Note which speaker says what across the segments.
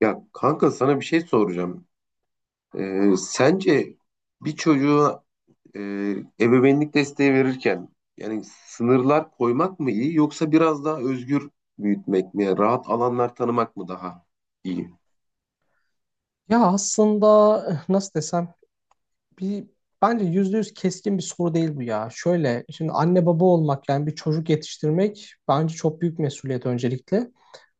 Speaker 1: Ya kanka sana bir şey soracağım. Sence bir çocuğa e, ebeveynlik desteği verirken yani sınırlar koymak mı iyi yoksa biraz daha özgür büyütmek mi? Yani rahat alanlar tanımak mı daha iyi?
Speaker 2: Ya aslında nasıl desem bir bence yüzde yüz keskin bir soru değil bu ya. Şöyle şimdi anne baba olmak yani bir çocuk yetiştirmek bence çok büyük mesuliyet öncelikle.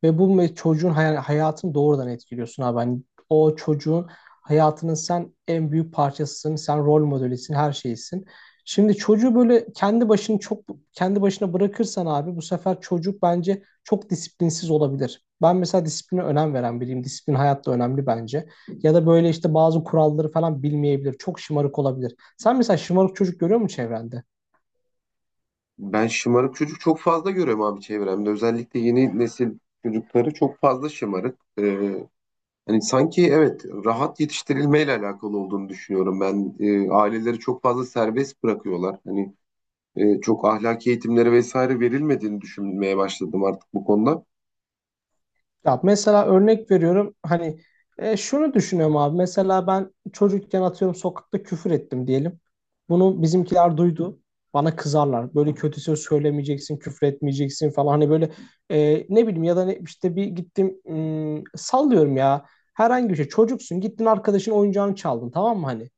Speaker 2: Ve bu çocuğun hayatını doğrudan etkiliyorsun abi. Hani o çocuğun hayatının sen en büyük parçasısın, sen rol modelisin, her şeysin. Şimdi çocuğu böyle kendi başını çok kendi başına bırakırsan abi bu sefer çocuk bence çok disiplinsiz olabilir. Ben mesela disipline önem veren biriyim. Disiplin hayatta önemli bence, ya da böyle işte bazı kuralları falan bilmeyebilir. Çok şımarık olabilir. Sen mesela şımarık çocuk görüyor musun çevrende?
Speaker 1: Ben şımarık çocuk çok fazla görüyorum abi çevremde. Özellikle yeni nesil çocukları çok fazla şımarık. Hani sanki evet rahat yetiştirilmeyle alakalı olduğunu düşünüyorum. Ben aileleri çok fazla serbest bırakıyorlar. Hani çok ahlaki eğitimleri vesaire verilmediğini düşünmeye başladım artık bu konuda.
Speaker 2: Ya mesela örnek veriyorum hani şunu düşünüyorum abi, mesela ben çocukken atıyorum sokakta küfür ettim diyelim. Bunu bizimkiler duydu. Bana kızarlar. Böyle kötü söz söylemeyeceksin, küfür etmeyeceksin falan. Hani böyle ne bileyim ya da ne, işte bir gittim, sallıyorum ya. Herhangi bir şey. Çocuksun, gittin arkadaşın oyuncağını çaldın, tamam mı hani?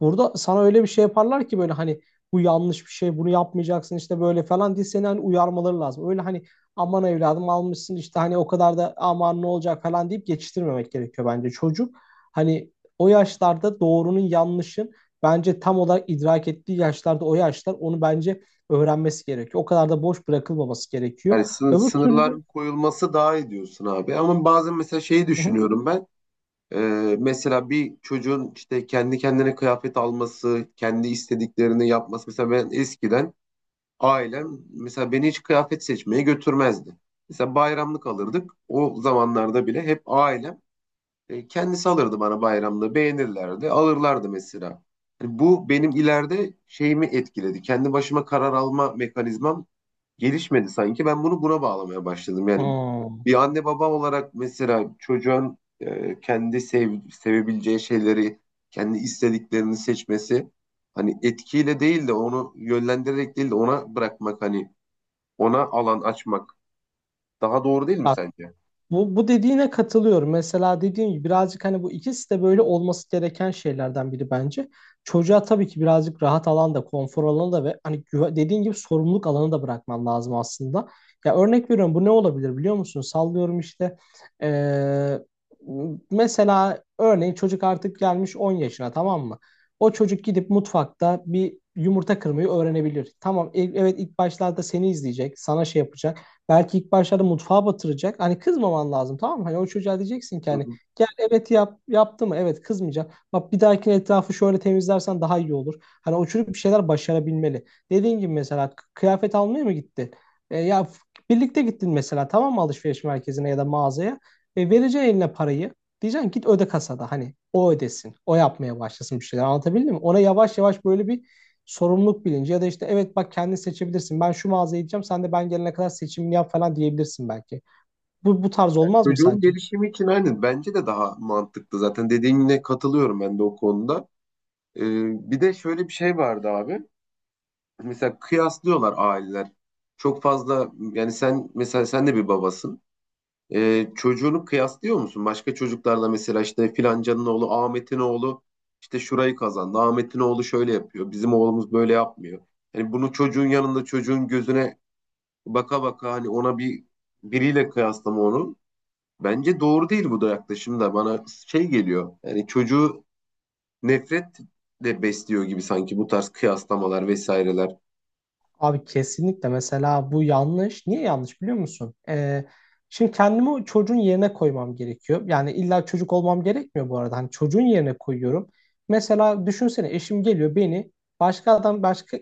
Speaker 2: Burada sana öyle bir şey yaparlar ki böyle hani bu yanlış bir şey, bunu yapmayacaksın işte böyle falan diye seni hani uyarmaları lazım. Öyle hani aman evladım almışsın işte hani o kadar da aman ne olacak falan deyip geçiştirmemek gerekiyor bence. Çocuk hani o yaşlarda doğrunun yanlışın bence tam olarak idrak ettiği yaşlarda, o yaşlar onu bence öğrenmesi gerekiyor. O kadar da boş bırakılmaması gerekiyor.
Speaker 1: Yani
Speaker 2: Öbür türlü...
Speaker 1: sınırların koyulması daha iyi diyorsun abi. Ama bazen mesela şeyi
Speaker 2: Hı hı.
Speaker 1: düşünüyorum ben. E, Mesela bir çocuğun işte kendi kendine kıyafet alması, kendi istediklerini yapması. Mesela ben eskiden ailem mesela beni hiç kıyafet seçmeye götürmezdi. Mesela bayramlık alırdık. O zamanlarda bile hep ailem kendisi alırdı bana bayramda beğenirlerdi alırlardı mesela. Hani bu benim ileride şeyimi etkiledi. Kendi başıma karar alma mekanizmam gelişmedi sanki. Ben bunu buna bağlamaya başladım. Yani
Speaker 2: Hmm.
Speaker 1: bir anne baba olarak mesela çocuğun sevebileceği şeyleri, kendi istediklerini seçmesi hani etkiyle değil de onu yönlendirerek değil de ona bırakmak hani ona alan açmak daha doğru değil mi sence?
Speaker 2: Bu dediğine katılıyorum. Mesela dediğim gibi birazcık hani bu ikisi de böyle olması gereken şeylerden biri bence. Çocuğa tabii ki birazcık rahat alan da, konfor alanı da ve hani dediğin gibi sorumluluk alanı da bırakman lazım aslında. Ya örnek veriyorum bu ne olabilir biliyor musun? Sallıyorum işte, eee, mesela örneğin çocuk artık gelmiş 10 yaşına, tamam mı? O çocuk gidip mutfakta bir yumurta kırmayı öğrenebilir. Tamam, evet, ilk başlarda seni izleyecek, sana şey yapacak. Belki ilk başlarda mutfağa batıracak. Hani kızmaman lazım, tamam mı? Hani o çocuğa diyeceksin ki hani gel, evet yap, yaptı mı? Evet, kızmayacağım. Bak bir dahakine etrafı şöyle temizlersen daha iyi olur. Hani o çocuk bir şeyler başarabilmeli. Dediğin gibi mesela kıyafet almaya mı gittin? Ya birlikte gittin mesela, tamam mı, alışveriş merkezine ya da mağazaya? Vereceksin eline parayı. Diyeceksin git öde kasada, hani o ödesin. O yapmaya başlasın bir şeyler, anlatabildim mi? Ona yavaş yavaş böyle bir sorumluluk bilinci ya da işte evet bak kendin seçebilirsin. Ben şu mağazaya gideceğim. Sen de ben gelene kadar seçimini yap falan diyebilirsin belki. Bu tarz olmaz mı
Speaker 1: Çocuğun
Speaker 2: sence?
Speaker 1: gelişimi için aynen bence de daha mantıklı zaten dediğine katılıyorum ben de o konuda. Ee, Bir de şöyle bir şey vardı abi. Mesela kıyaslıyorlar aileler. Çok fazla yani sen mesela sen de bir babasın. Çocuğunu kıyaslıyor musun? Başka çocuklarla mesela işte filancanın oğlu Ahmet'in oğlu işte şurayı kazandı. Ahmet'in oğlu şöyle yapıyor. Bizim oğlumuz böyle yapmıyor. Yani bunu çocuğun yanında çocuğun gözüne baka baka hani ona biriyle kıyaslama onu. Bence doğru değil bu da yaklaşım da bana şey geliyor. Yani çocuğu nefret de besliyor gibi sanki bu tarz kıyaslamalar vesaireler.
Speaker 2: Abi kesinlikle mesela bu yanlış. Niye yanlış biliyor musun? Şimdi kendimi o çocuğun yerine koymam gerekiyor. Yani illa çocuk olmam gerekmiyor bu arada. Hani çocuğun yerine koyuyorum. Mesela düşünsene eşim geliyor, beni başka adam başka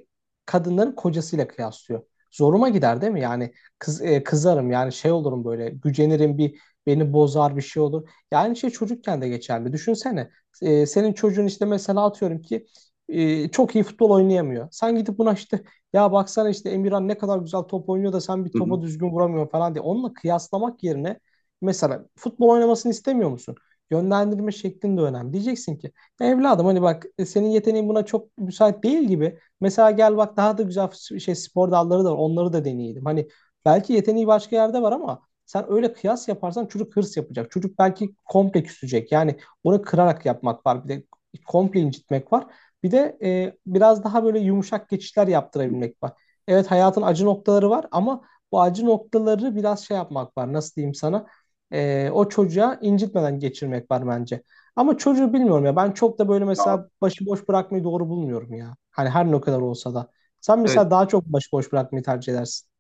Speaker 2: kadınların kocasıyla kıyaslıyor. Zoruma gider değil mi? Yani kızarım yani, şey olurum böyle, gücenirim, bir beni bozar, bir şey olur. Yani şey, çocukken de geçerli. Düşünsene senin çocuğun işte mesela atıyorum ki çok iyi futbol oynayamıyor. Sen gidip buna işte ya baksana işte Emirhan ne kadar güzel top oynuyor da sen bir
Speaker 1: Hı hı,
Speaker 2: topa düzgün vuramıyorsun falan diye. Onunla kıyaslamak yerine mesela futbol oynamasını istemiyor musun? Yönlendirme şeklin de önemli. Diyeceksin ki: "Ya evladım, hani bak senin yeteneğin buna çok müsait değil gibi. Mesela gel bak daha da güzel şey spor dalları da var. Onları da deneyelim." Hani belki yeteneği başka yerde var ama sen öyle kıyas yaparsan çocuk hırs yapacak. Çocuk belki komple küsecek. Yani onu kırarak yapmak var. Bir de komple incitmek var. Bir de biraz daha böyle yumuşak geçişler
Speaker 1: hı hı.
Speaker 2: yaptırabilmek var. Evet, hayatın acı noktaları var ama bu acı noktaları biraz şey yapmak var. Nasıl diyeyim sana? O çocuğa incitmeden geçirmek var bence. Ama çocuğu bilmiyorum ya. Ben çok da böyle
Speaker 1: Ya,
Speaker 2: mesela başıboş bırakmayı doğru bulmuyorum ya. Hani her ne kadar olsa da. Sen
Speaker 1: evet.
Speaker 2: mesela daha çok başıboş bırakmayı tercih edersin.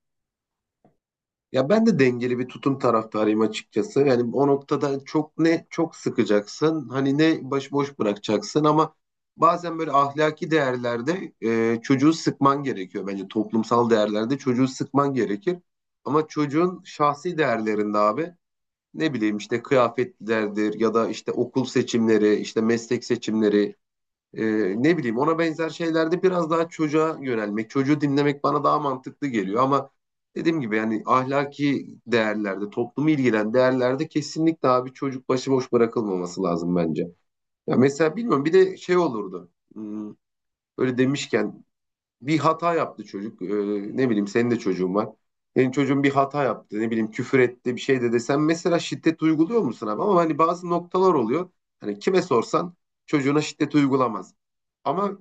Speaker 1: Ya ben de dengeli bir tutum taraftarıyım açıkçası. Yani o noktada çok ne çok sıkacaksın, hani ne başıboş bırakacaksın ama bazen böyle ahlaki değerlerde çocuğu sıkman gerekiyor. Bence toplumsal değerlerde çocuğu sıkman gerekir. Ama çocuğun şahsi değerlerinde abi ne bileyim işte kıyafetlerdir ya da işte okul seçimleri, işte meslek seçimleri, e, ne bileyim ona benzer şeylerde biraz daha çocuğa yönelmek, çocuğu dinlemek bana daha mantıklı geliyor ama dediğim gibi yani ahlaki değerlerde, toplumu ilgilen değerlerde kesinlikle abi çocuk başıboş bırakılmaması lazım bence. Ya mesela bilmiyorum bir de şey olurdu. Böyle demişken bir hata yaptı çocuk. Ne bileyim senin de çocuğun var. Senin çocuğun bir hata yaptı. Ne bileyim küfür etti bir şey dedi. Sen mesela şiddet uyguluyor musun abi? Ama hani bazı noktalar oluyor. Hani kime sorsan çocuğuna şiddet uygulamaz. Ama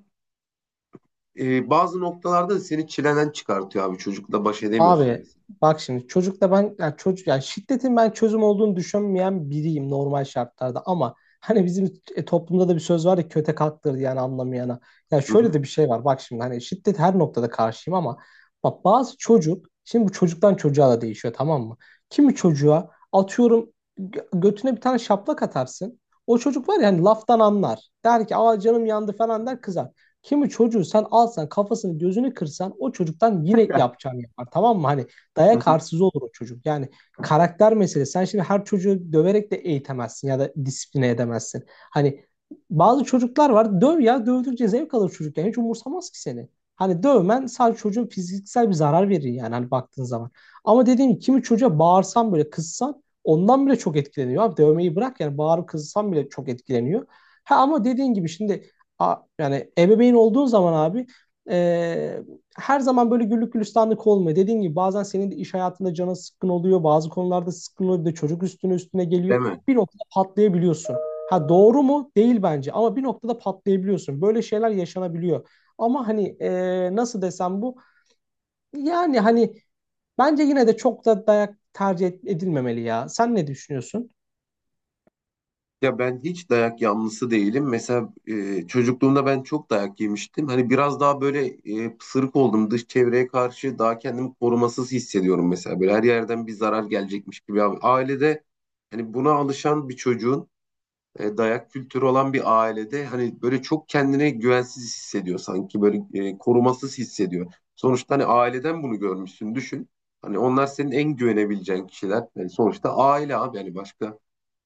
Speaker 1: bazı noktalarda da seni çileden çıkartıyor abi. Çocukla baş edemiyorsun.
Speaker 2: Abi bak şimdi, çocukta ben yani çocuk yani şiddetin ben çözüm olduğunu düşünmeyen biriyim normal şartlarda ama hani bizim toplumda da bir söz var ya, kötek kalktır yani anlamayana. Ya
Speaker 1: Hı
Speaker 2: şöyle
Speaker 1: hı,
Speaker 2: de bir şey var bak şimdi hani, şiddet her noktada karşıyım ama bak bazı çocuk şimdi, bu çocuktan çocuğa da değişiyor tamam mı? Kimi çocuğa atıyorum götüne bir tane şaplak atarsın. O çocuk var ya hani laftan anlar. Der ki aa canım yandı falan, der, kızar. Kimi çocuğu sen alsan kafasını gözünü kırsan o çocuktan yine yapacağını yapar, tamam mı? Hani
Speaker 1: hı
Speaker 2: dayak
Speaker 1: hı.
Speaker 2: arsızı olur o çocuk. Yani karakter meselesi. Sen şimdi her çocuğu döverek de eğitemezsin ya da disipline edemezsin. Hani bazı çocuklar var, döv ya, dövdükçe zevk alır çocuk yani, hiç umursamaz ki seni. Hani dövmen sadece çocuğun fiziksel bir zarar verir yani, hani baktığın zaman. Ama dediğim gibi kimi çocuğa bağırsan böyle, kızsan, ondan bile çok etkileniyor. Abi dövmeyi bırak yani bağırıp kızsan bile çok etkileniyor. Ha ama dediğin gibi şimdi, yani ebeveyn olduğun zaman abi, e, her zaman böyle güllük gülistanlık olmuyor. Dediğin gibi bazen senin de iş hayatında canın sıkkın oluyor. Bazı konularda sıkkın oluyor. Bir de çocuk üstüne üstüne geliyor.
Speaker 1: Değil mi?
Speaker 2: Bir noktada patlayabiliyorsun. Ha, doğru mu? Değil bence. Ama bir noktada patlayabiliyorsun. Böyle şeyler yaşanabiliyor. Ama hani nasıl desem bu? Yani hani bence yine de çok da dayak tercih edilmemeli ya. Sen ne düşünüyorsun?
Speaker 1: Ya ben hiç dayak yanlısı değilim. Mesela çocukluğumda ben çok dayak yemiştim. Hani biraz daha böyle pısırık oldum. Dış çevreye karşı daha kendimi korumasız hissediyorum mesela. Böyle her yerden bir zarar gelecekmiş gibi. Abi. Ailede hani buna alışan bir çocuğun dayak kültürü olan bir ailede hani böyle çok kendine güvensiz hissediyor sanki. Böyle korumasız hissediyor. Sonuçta hani aileden bunu görmüşsün düşün. Hani onlar senin en güvenebileceğin kişiler. Yani sonuçta aile abi yani başka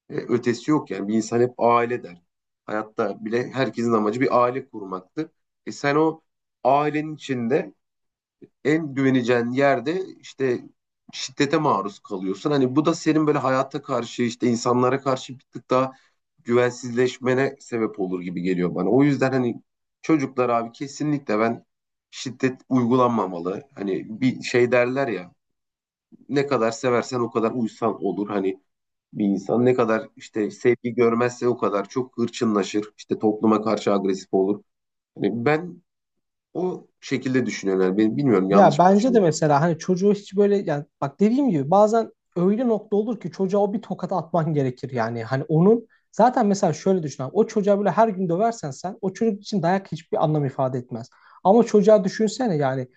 Speaker 1: ötesi yok yani bir insan hep aile der. Hayatta bile herkesin amacı bir aile kurmaktır. E sen o ailenin içinde en güveneceğin yerde işte şiddete maruz kalıyorsun. Hani bu da senin böyle hayata karşı işte insanlara karşı bir tık daha güvensizleşmene sebep olur gibi geliyor bana. O yüzden hani çocuklar abi kesinlikle ben şiddet uygulanmamalı. Hani bir şey derler ya ne kadar seversen o kadar uysan olur. Hani bir insan ne kadar işte sevgi görmezse o kadar çok hırçınlaşır. İşte topluma karşı agresif olur. Hani ben o şekilde düşünüyorum. Yani ben bilmiyorum yanlış
Speaker 2: Ya
Speaker 1: mı
Speaker 2: bence de
Speaker 1: düşünüyorum.
Speaker 2: mesela hani çocuğu hiç böyle, yani bak dediğim gibi bazen öyle nokta olur ki çocuğa o bir tokat atman gerekir yani. Hani onun zaten, mesela şöyle düşün abi, o çocuğa böyle her gün döversen sen, o çocuk için dayak hiçbir anlam ifade etmez. Ama çocuğa düşünsene yani,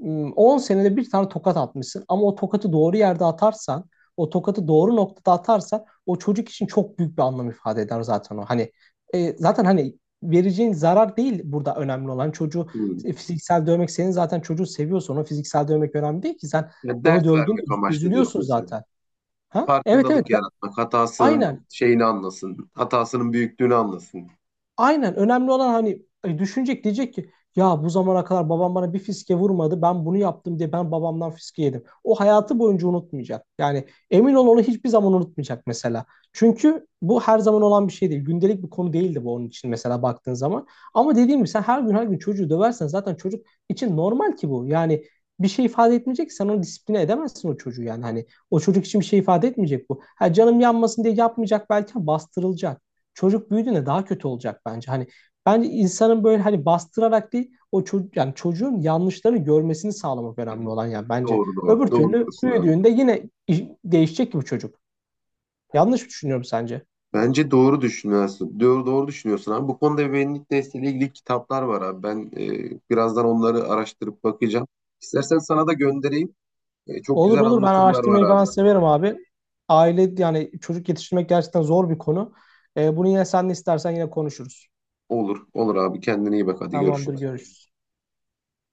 Speaker 2: 10 senede bir tane tokat atmışsın ama o tokatı doğru yerde atarsan, o tokatı doğru noktada atarsan o çocuk için çok büyük bir anlam ifade eder zaten o. Hani zaten hani vereceğin zarar değil burada önemli olan çocuğu,
Speaker 1: Hmm.
Speaker 2: fiziksel dövmek, senin zaten çocuğu seviyorsa ona fiziksel dövmek önemli değil ki. Sen
Speaker 1: Yani
Speaker 2: onu
Speaker 1: ders
Speaker 2: dövdüğünde
Speaker 1: vermek amaçlı
Speaker 2: üzülüyorsun
Speaker 1: diyorsun sen.
Speaker 2: zaten. Ha? Evet, evet.
Speaker 1: Farkındalık yaratmak, hatasının
Speaker 2: Aynen.
Speaker 1: şeyini anlasın, hatasının büyüklüğünü anlasın.
Speaker 2: Aynen, önemli olan hani düşünecek, diyecek ki ya bu zamana kadar babam bana bir fiske vurmadı, ben bunu yaptım diye ben babamdan fiske yedim. O hayatı boyunca unutmayacak. Yani emin ol onu hiçbir zaman unutmayacak mesela. Çünkü bu her zaman olan bir şey değil. Gündelik bir konu değildi bu onun için mesela baktığın zaman. Ama dediğim gibi sen her gün her gün çocuğu döversen zaten çocuk için normal ki bu. Yani bir şey ifade etmeyecek ki, sen onu disipline edemezsin o çocuğu yani, hani o çocuk için bir şey ifade etmeyecek bu. Ha, canım yanmasın diye yapmayacak belki ama bastırılacak, çocuk büyüdüğünde daha kötü olacak bence. Hani bence insanın böyle hani bastırarak değil, o çocuk yani çocuğun yanlışları görmesini sağlamak
Speaker 1: Hı hı.
Speaker 2: önemli olan yani bence.
Speaker 1: Doğru doğru.
Speaker 2: Öbür
Speaker 1: Doğru
Speaker 2: türlü
Speaker 1: diyorsun abi.
Speaker 2: büyüdüğünde yine değişecek ki bu çocuk. Yanlış mı düşünüyorum sence?
Speaker 1: Bence doğru düşünüyorsun. Doğru, doğru düşünüyorsun abi. Bu konuda ebeveynlik desteğiyle ilgili kitaplar var abi. Ben birazdan onları araştırıp bakacağım. İstersen sana da göndereyim. Çok
Speaker 2: Olur
Speaker 1: güzel
Speaker 2: olur, ben
Speaker 1: anlatımlar var
Speaker 2: araştırmayı
Speaker 1: abi.
Speaker 2: falan severim abi. Aile yani çocuk yetiştirmek gerçekten zor bir konu. Bunu yine sen de istersen yine konuşuruz.
Speaker 1: Olur, olur abi. Kendine iyi bak. Hadi
Speaker 2: Tamamdır,
Speaker 1: görüşürüz.
Speaker 2: görüşürüz.